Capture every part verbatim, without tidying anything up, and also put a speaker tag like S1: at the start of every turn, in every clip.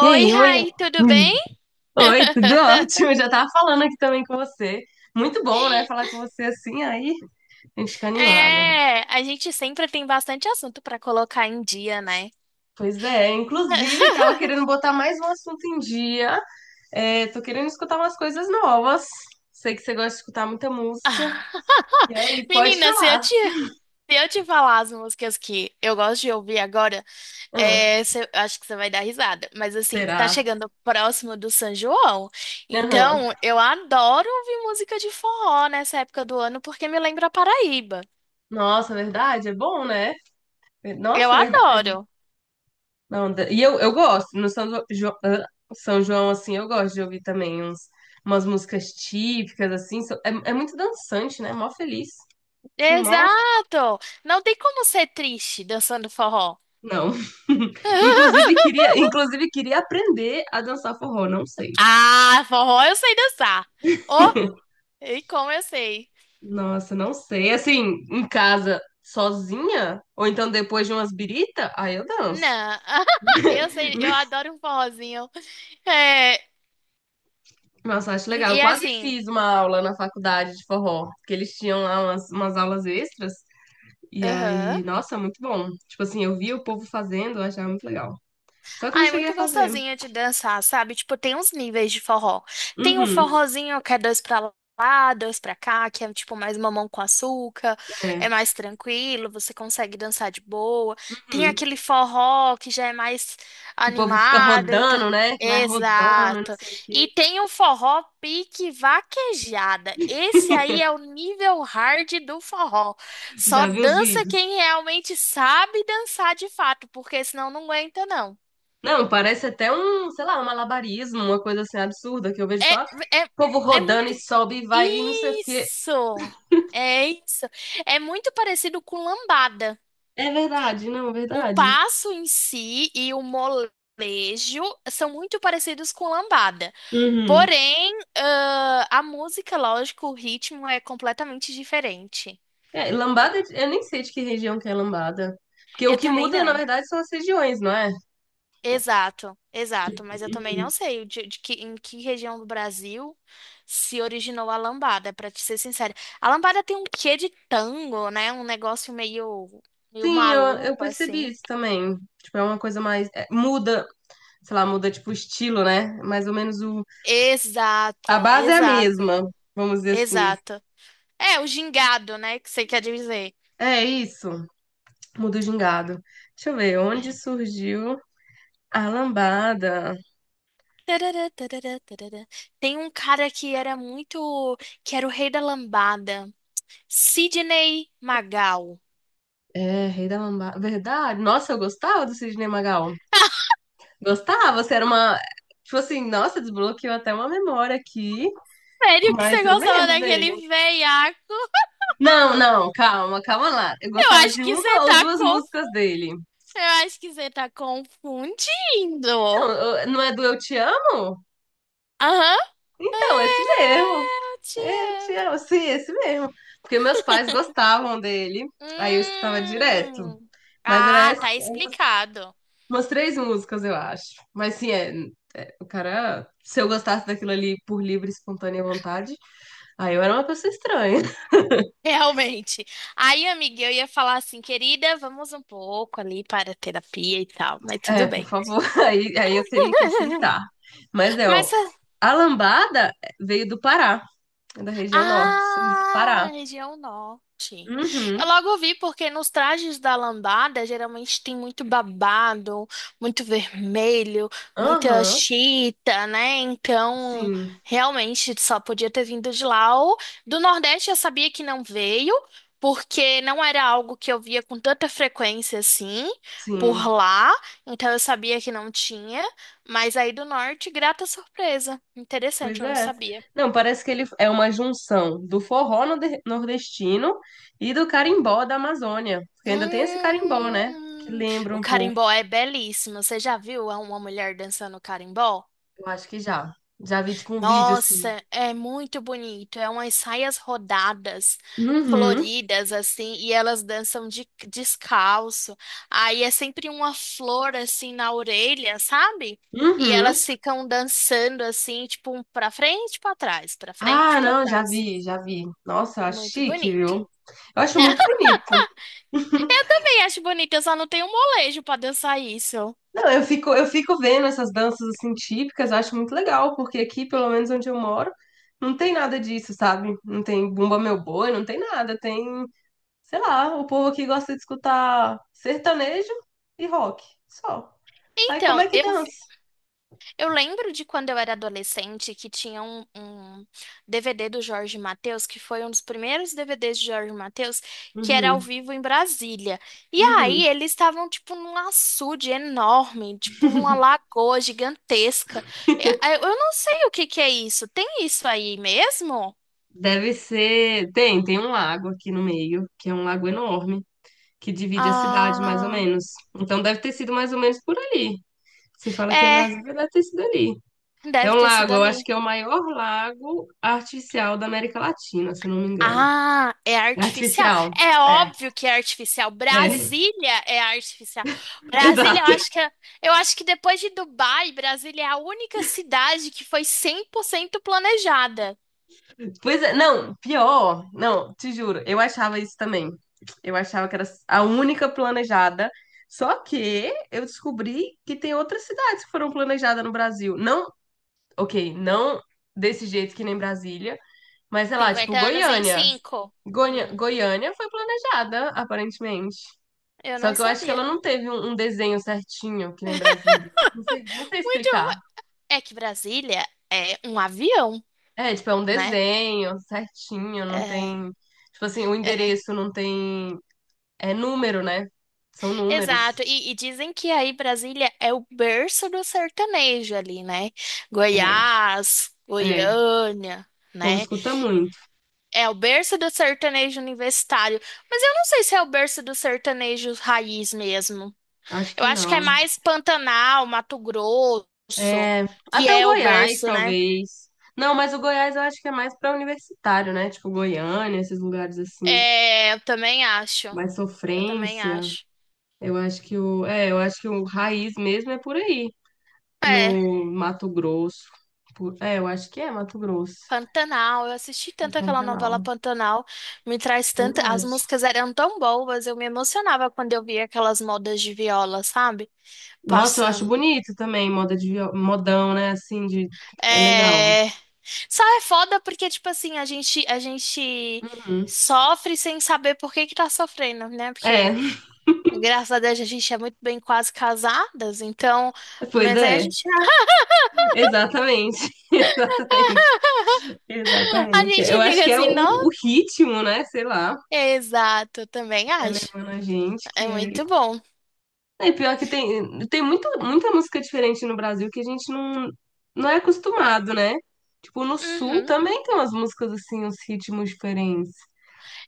S1: E aí, mãe?
S2: Rai, tudo bem?
S1: Oi, tudo ótimo. Já tava falando aqui também com você. Muito bom, né? Falar com você assim, aí a gente fica animada.
S2: É, a gente sempre tem bastante assunto para colocar em dia, né?
S1: Pois é, inclusive tava querendo botar mais um assunto em dia. É, tô querendo escutar umas coisas novas. Sei que você gosta de escutar muita música. E aí, pode
S2: Menina, se eu
S1: falar.
S2: te, se eu te falar as músicas que eu gosto de ouvir agora,
S1: Hum.
S2: é, cê- acho que você vai dar risada. Mas assim, tá
S1: Será?
S2: chegando próximo do São João.
S1: Aham.
S2: Então, eu adoro ouvir música de forró nessa época do ano, porque me lembra a Paraíba.
S1: Nossa, verdade? É bom, né?
S2: Eu
S1: Nossa, é verdade.
S2: adoro.
S1: Não, da- e eu, eu gosto, no São João, São João, assim, eu gosto de ouvir também uns, umas músicas típicas, assim, so- é, é muito dançante, né? Mó feliz, sim, mó...
S2: Exato! Não tem como ser triste dançando forró.
S1: Não. Inclusive queria, inclusive queria aprender a dançar forró, não sei.
S2: Ah, forró eu sei dançar. Oh, e como eu sei.
S1: Nossa, não sei. Assim, em casa, sozinha, ou então depois de umas birita, aí eu danço.
S2: Não, eu sei, eu adoro um forrozinho. É,
S1: Nossa, acho
S2: e,
S1: legal.
S2: e
S1: Eu
S2: é
S1: quase
S2: assim,
S1: fiz uma aula na faculdade de forró, porque eles tinham lá umas, umas aulas extras. E
S2: aham.
S1: aí, nossa, muito bom. Tipo assim, eu via o povo fazendo, eu achava muito legal. Só que eu
S2: Ah,
S1: não
S2: é
S1: cheguei
S2: muito
S1: a fazer.
S2: gostosinha de dançar, sabe? Tipo, tem uns níveis de forró. Tem o
S1: Uhum,
S2: forrozinho que é dois pra lá, dois pra cá, que é tipo mais mamão com açúcar, é
S1: é.
S2: mais tranquilo, você consegue dançar de boa. Tem
S1: Uhum.
S2: aquele forró que já é mais
S1: Que o povo fica
S2: animado, então.
S1: rodando, né? Que vai rodando, não
S2: Exato.
S1: sei o
S2: E
S1: quê.
S2: tem o forró pique vaquejada. Esse aí é o nível hard do forró. Só
S1: Já vi os
S2: dança
S1: vídeos.
S2: quem realmente sabe dançar de fato, porque senão não aguenta, não.
S1: Não, parece até um, sei lá, um malabarismo, uma coisa assim absurda, que eu vejo
S2: É,
S1: só o
S2: é,
S1: povo
S2: é
S1: rodando
S2: muito.
S1: e sobe e vai e não sei o quê.
S2: Isso! É isso. É muito parecido com lambada.
S1: É verdade, não, é
S2: O
S1: verdade.
S2: passo em si e o molejo são muito parecidos com lambada.
S1: Uhum.
S2: Porém, ãh, a música, lógico, o ritmo é completamente diferente.
S1: É, lambada, eu nem sei de que região que é lambada. Porque o
S2: Eu
S1: que
S2: também
S1: muda, na
S2: não.
S1: verdade, são as regiões, não é?
S2: Exato, exato,
S1: Tipo,
S2: mas eu também não sei de, de que, em que região do Brasil se originou a lambada, pra te ser sincera. A lambada tem um quê de tango, né? Um negócio meio, meio
S1: sim, eu, eu
S2: maluco,
S1: percebi
S2: assim.
S1: isso também. Tipo, é uma coisa mais. É, muda, sei lá, muda tipo o estilo, né? Mais ou menos o. A
S2: Exato,
S1: base é a
S2: exato,
S1: mesma, vamos dizer assim.
S2: exato. É, o gingado, né? Que você quer dizer.
S1: É isso. Muda o gingado. Deixa eu ver, onde surgiu a lambada?
S2: Tarará, tarará, tarará. Tem um cara que era muito, que era o rei da lambada, Sidney Magal.
S1: É, Rei da Lambada. Verdade. Nossa, eu gostava do Sidney Magal. Gostava, você era uma. Tipo assim, nossa, desbloqueou até uma memória aqui,
S2: Sério que
S1: mas
S2: você
S1: eu
S2: gostava
S1: lembro dele.
S2: daquele veiaco?
S1: Não, não, calma, calma lá. Eu
S2: Eu
S1: gostava
S2: acho
S1: de
S2: que você
S1: uma ou
S2: tá
S1: duas
S2: conf...
S1: músicas dele.
S2: Eu acho que você tá confundindo.
S1: Não, eu- não é do eu te amo?
S2: Aham.
S1: Então, é esse mesmo.
S2: Eu te
S1: É, eu te
S2: amo.
S1: amo, sim, é esse mesmo. Porque meus pais gostavam dele, aí eu escutava direto.
S2: Hum.
S1: Mas era
S2: Ah,
S1: essa-
S2: tá
S1: umas,
S2: explicado.
S1: umas três músicas, eu acho. Mas sim, é, o cara, se eu gostasse daquilo ali por livre e espontânea vontade, aí eu era uma pessoa estranha.
S2: Realmente. Aí, amiga, eu ia falar assim, querida, vamos um pouco ali para a terapia e tal, mas tudo
S1: Por
S2: bem.
S1: favor, aí, aí eu teria que aceitar. Mas é,
S2: Mas
S1: ó, a lambada veio do Pará, é da região norte, surgiu do
S2: ah,
S1: Pará.
S2: região norte. Eu
S1: Uhum,
S2: logo vi porque nos trajes da lambada geralmente tem muito babado, muito vermelho, muita
S1: aham,
S2: chita, né? Então,
S1: sim,
S2: realmente só podia ter vindo de lá. Ou do Nordeste eu sabia que não veio, porque não era algo que eu via com tanta frequência assim por
S1: sim.
S2: lá. Então eu sabia que não tinha. Mas aí do Norte, grata surpresa. Interessante,
S1: Pois
S2: eu não
S1: é.
S2: sabia.
S1: Não, parece que ele é uma junção do forró norde- nordestino e do carimbó da Amazônia. Porque ainda tem esse carimbó, né? Que
S2: Hum,
S1: lembra
S2: o
S1: um pouco.
S2: carimbó é belíssimo. Você já viu uma mulher dançando carimbó?
S1: Eu acho que já. Já vi, tipo, um vídeo assim.
S2: Nossa, é muito bonito. É umas saias rodadas,
S1: Uhum,
S2: floridas, assim, e elas dançam de, descalço. Aí é sempre uma flor, assim, na orelha, sabe? E
S1: uhum.
S2: elas ficam dançando, assim, tipo, um pra frente, e pra trás, pra frente, e
S1: Ah,
S2: pra
S1: não, já
S2: trás.
S1: vi, já vi. Nossa, eu
S2: É
S1: acho
S2: muito
S1: chique,
S2: bonito.
S1: viu? Eu acho muito bonito.
S2: Eu também acho bonito, eu só não tenho molejo pra dançar isso.
S1: Não, eu fico, eu fico vendo essas danças, assim, típicas, eu acho muito legal, porque aqui, pelo menos onde eu moro, não tem nada disso, sabe? Não tem Bumba Meu Boi, não tem nada, tem sei lá, o povo aqui gosta de escutar sertanejo e rock, só. Aí como
S2: Então,
S1: é que
S2: eu
S1: dança?
S2: Eu lembro de quando eu era adolescente que tinha um, um D V D do Jorge Mateus, que foi um dos primeiros D V Ds de Jorge Mateus, que era ao
S1: Uhum,
S2: vivo em Brasília. E aí
S1: uhum.
S2: eles estavam tipo num açude enorme, tipo numa lagoa gigantesca. É, é, Eu não sei o que que é isso. Tem isso aí mesmo?
S1: Deve ser. Tem, tem um lago aqui no meio, que é um lago enorme, que divide a cidade, mais ou
S2: Ah,
S1: menos. Então deve ter sido mais ou menos por ali. Se fala que é
S2: é,
S1: Brasília, deve ter sido ali. É
S2: deve
S1: um
S2: ter sido
S1: lago, eu acho
S2: ali.
S1: que é o maior lago artificial da América Latina, se eu não me engano.
S2: Ah, é
S1: É
S2: artificial.
S1: artificial.
S2: É
S1: É,
S2: óbvio que é artificial.
S1: é,
S2: Brasília é artificial. Brasília, eu
S1: exato.
S2: acho que é- eu acho que depois de Dubai, Brasília é a única cidade que foi cem por cento planejada.
S1: Pois é, não, pior, não, te juro, eu achava isso também. Eu achava que era a única planejada. Só que eu descobri que tem outras cidades que foram planejadas no Brasil. Não, ok, não desse jeito que nem Brasília, mas sei lá, tipo
S2: Cinquenta anos em
S1: Goiânia.
S2: cinco.
S1: Goiânia,
S2: Hum,
S1: Goiânia foi planejada, aparentemente.
S2: eu
S1: Só
S2: não
S1: que eu acho que
S2: sabia.
S1: ela não teve um, um desenho certinho, que nem Brasília. Não sei, não sei
S2: Muito.
S1: explicar.
S2: É que Brasília é um avião,
S1: É, tipo, é um
S2: né?
S1: desenho certinho, não
S2: É,
S1: tem. Tipo assim, o
S2: é,
S1: endereço não tem é número, né? São números.
S2: Exato, e, e dizem que aí Brasília é o berço do sertanejo ali, né?
S1: É,
S2: Goiás,
S1: é. O
S2: Goiânia,
S1: povo
S2: né?
S1: escuta muito.
S2: É o berço do sertanejo universitário. Mas eu não sei se é o berço do sertanejo raiz mesmo.
S1: Acho
S2: Eu
S1: que
S2: acho que
S1: não.
S2: é mais Pantanal, Mato Grosso,
S1: É,
S2: que
S1: até o
S2: é o
S1: Goiás,
S2: berço, né?
S1: talvez. Não, mas o Goiás eu acho que é mais pra universitário, né? Tipo Goiânia, esses lugares assim,
S2: É, eu também acho.
S1: mais
S2: Eu também
S1: sofrência.
S2: acho.
S1: Eu acho que o, é, eu acho que o raiz mesmo é por aí,
S2: É,
S1: no Mato Grosso. Por- é, eu acho que é Mato Grosso,
S2: Pantanal. Eu assisti
S1: em
S2: tanto aquela novela
S1: Pantanal.
S2: Pantanal. Me traz tanto. As
S1: Verdade.
S2: músicas eram tão boas. Eu me emocionava quando eu via aquelas modas de viola, sabe?
S1: Nossa, eu acho
S2: Passando.
S1: bonito também, moda de, vi- modão, né? Assim, de, é legal.
S2: É. Só é foda porque, tipo assim, a gente, a gente
S1: Uhum.
S2: sofre sem saber por que que tá sofrendo, né? Porque,
S1: É,
S2: graças a Deus, a gente é muito bem quase casadas, então.
S1: pois
S2: Mas aí a
S1: é,
S2: gente,
S1: exatamente, exatamente,
S2: a
S1: exatamente. Eu
S2: gente
S1: acho
S2: fica
S1: que é o,
S2: assim, não?
S1: o ritmo, né? Sei lá,
S2: Exato, eu também
S1: vai
S2: acho.
S1: levando a gente
S2: É
S1: que aí.
S2: muito bom.
S1: É pior que tem, tem muito, muita música diferente no Brasil que a gente não, não é acostumado, né? Tipo, no Sul
S2: Uhum.
S1: também tem umas músicas assim, uns ritmos diferentes.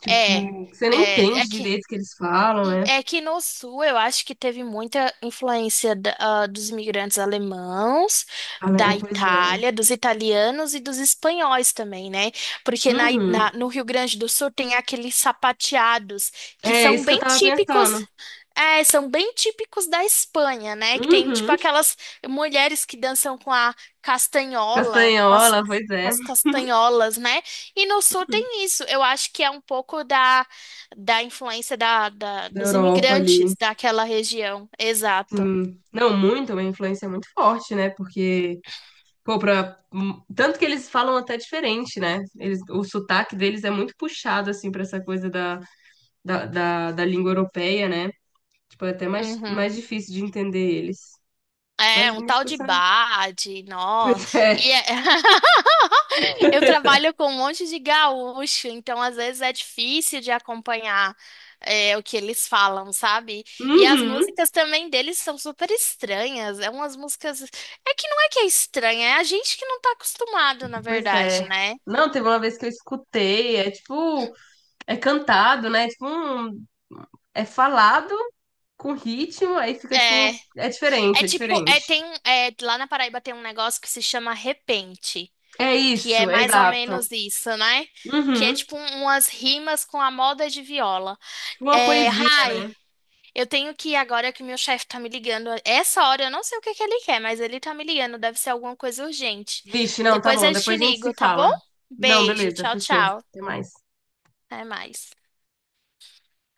S1: Tipo,
S2: É,
S1: você nem
S2: é, é
S1: entende
S2: que.
S1: direito o que eles falam, né?
S2: É que no sul eu acho que teve muita influência da- ah, dos imigrantes alemãos,
S1: Fala- é,
S2: da
S1: pois é.
S2: Itália, dos italianos e dos espanhóis também, né? Porque na, I- na-
S1: Uhum.
S2: no Rio Grande do Sul tem aqueles sapateados que
S1: É
S2: são
S1: isso que eu
S2: bem
S1: tava
S2: típicos
S1: pensando.
S2: é, são bem típicos da Espanha, né? Que tem tipo
S1: Uhum.
S2: aquelas mulheres que dançam com a castanhola, com as,
S1: Castanhola, pois é.
S2: com as castanholas, né? E no sul tem isso. Eu acho que é um pouco da, da influência da, da-
S1: Da
S2: dos
S1: Europa ali.
S2: imigrantes daquela região. Exato.
S1: Sim. Não, muito, uma influência muito forte, né? Porque, pô, pra... hum, tanto que eles falam até diferente, né? Eles... O sotaque deles é muito puxado, assim, pra essa coisa da, da, da, da língua europeia, né? Tipo, é até mais,
S2: Uhum.
S1: mais difícil de entender eles.
S2: É,
S1: Mas a
S2: um tal
S1: música
S2: de
S1: sabe.
S2: Bade, nó.
S1: Pois
S2: E
S1: é.
S2: é- eu trabalho com um monte de gaúcho, então às vezes é difícil de acompanhar é, o que eles falam, sabe? E as
S1: Uhum.
S2: músicas também deles são super estranhas. É umas músicas. É que não é que é estranha, é a gente que não tá acostumado, na
S1: Pois
S2: verdade,
S1: é.
S2: né?
S1: Não, teve uma vez que eu escutei, é tipo, é cantado, né? Tipo, um... é falado com ritmo, aí fica tipo, um-
S2: É,
S1: é diferente,
S2: é
S1: é
S2: tipo,
S1: diferente.
S2: é, tem, um- é, lá na Paraíba tem um negócio que se chama repente.
S1: É
S2: Que é
S1: isso,
S2: mais ou
S1: exato.
S2: menos isso, né? Que é
S1: Uhum.
S2: tipo um- umas rimas com a moda de viola.
S1: Tipo uma
S2: É,
S1: poesia,
S2: Rai,
S1: né?
S2: eu tenho que ir agora que meu chefe tá me ligando. Essa hora eu não sei o que que ele quer, mas ele tá me ligando, deve ser alguma coisa urgente.
S1: Vixe, não, tá
S2: Depois
S1: bom,
S2: eu te
S1: depois a gente
S2: ligo,
S1: se
S2: tá bom?
S1: fala. Não,
S2: Beijo,
S1: beleza,
S2: tchau,
S1: fechou.
S2: tchau.
S1: Até mais.
S2: Até mais.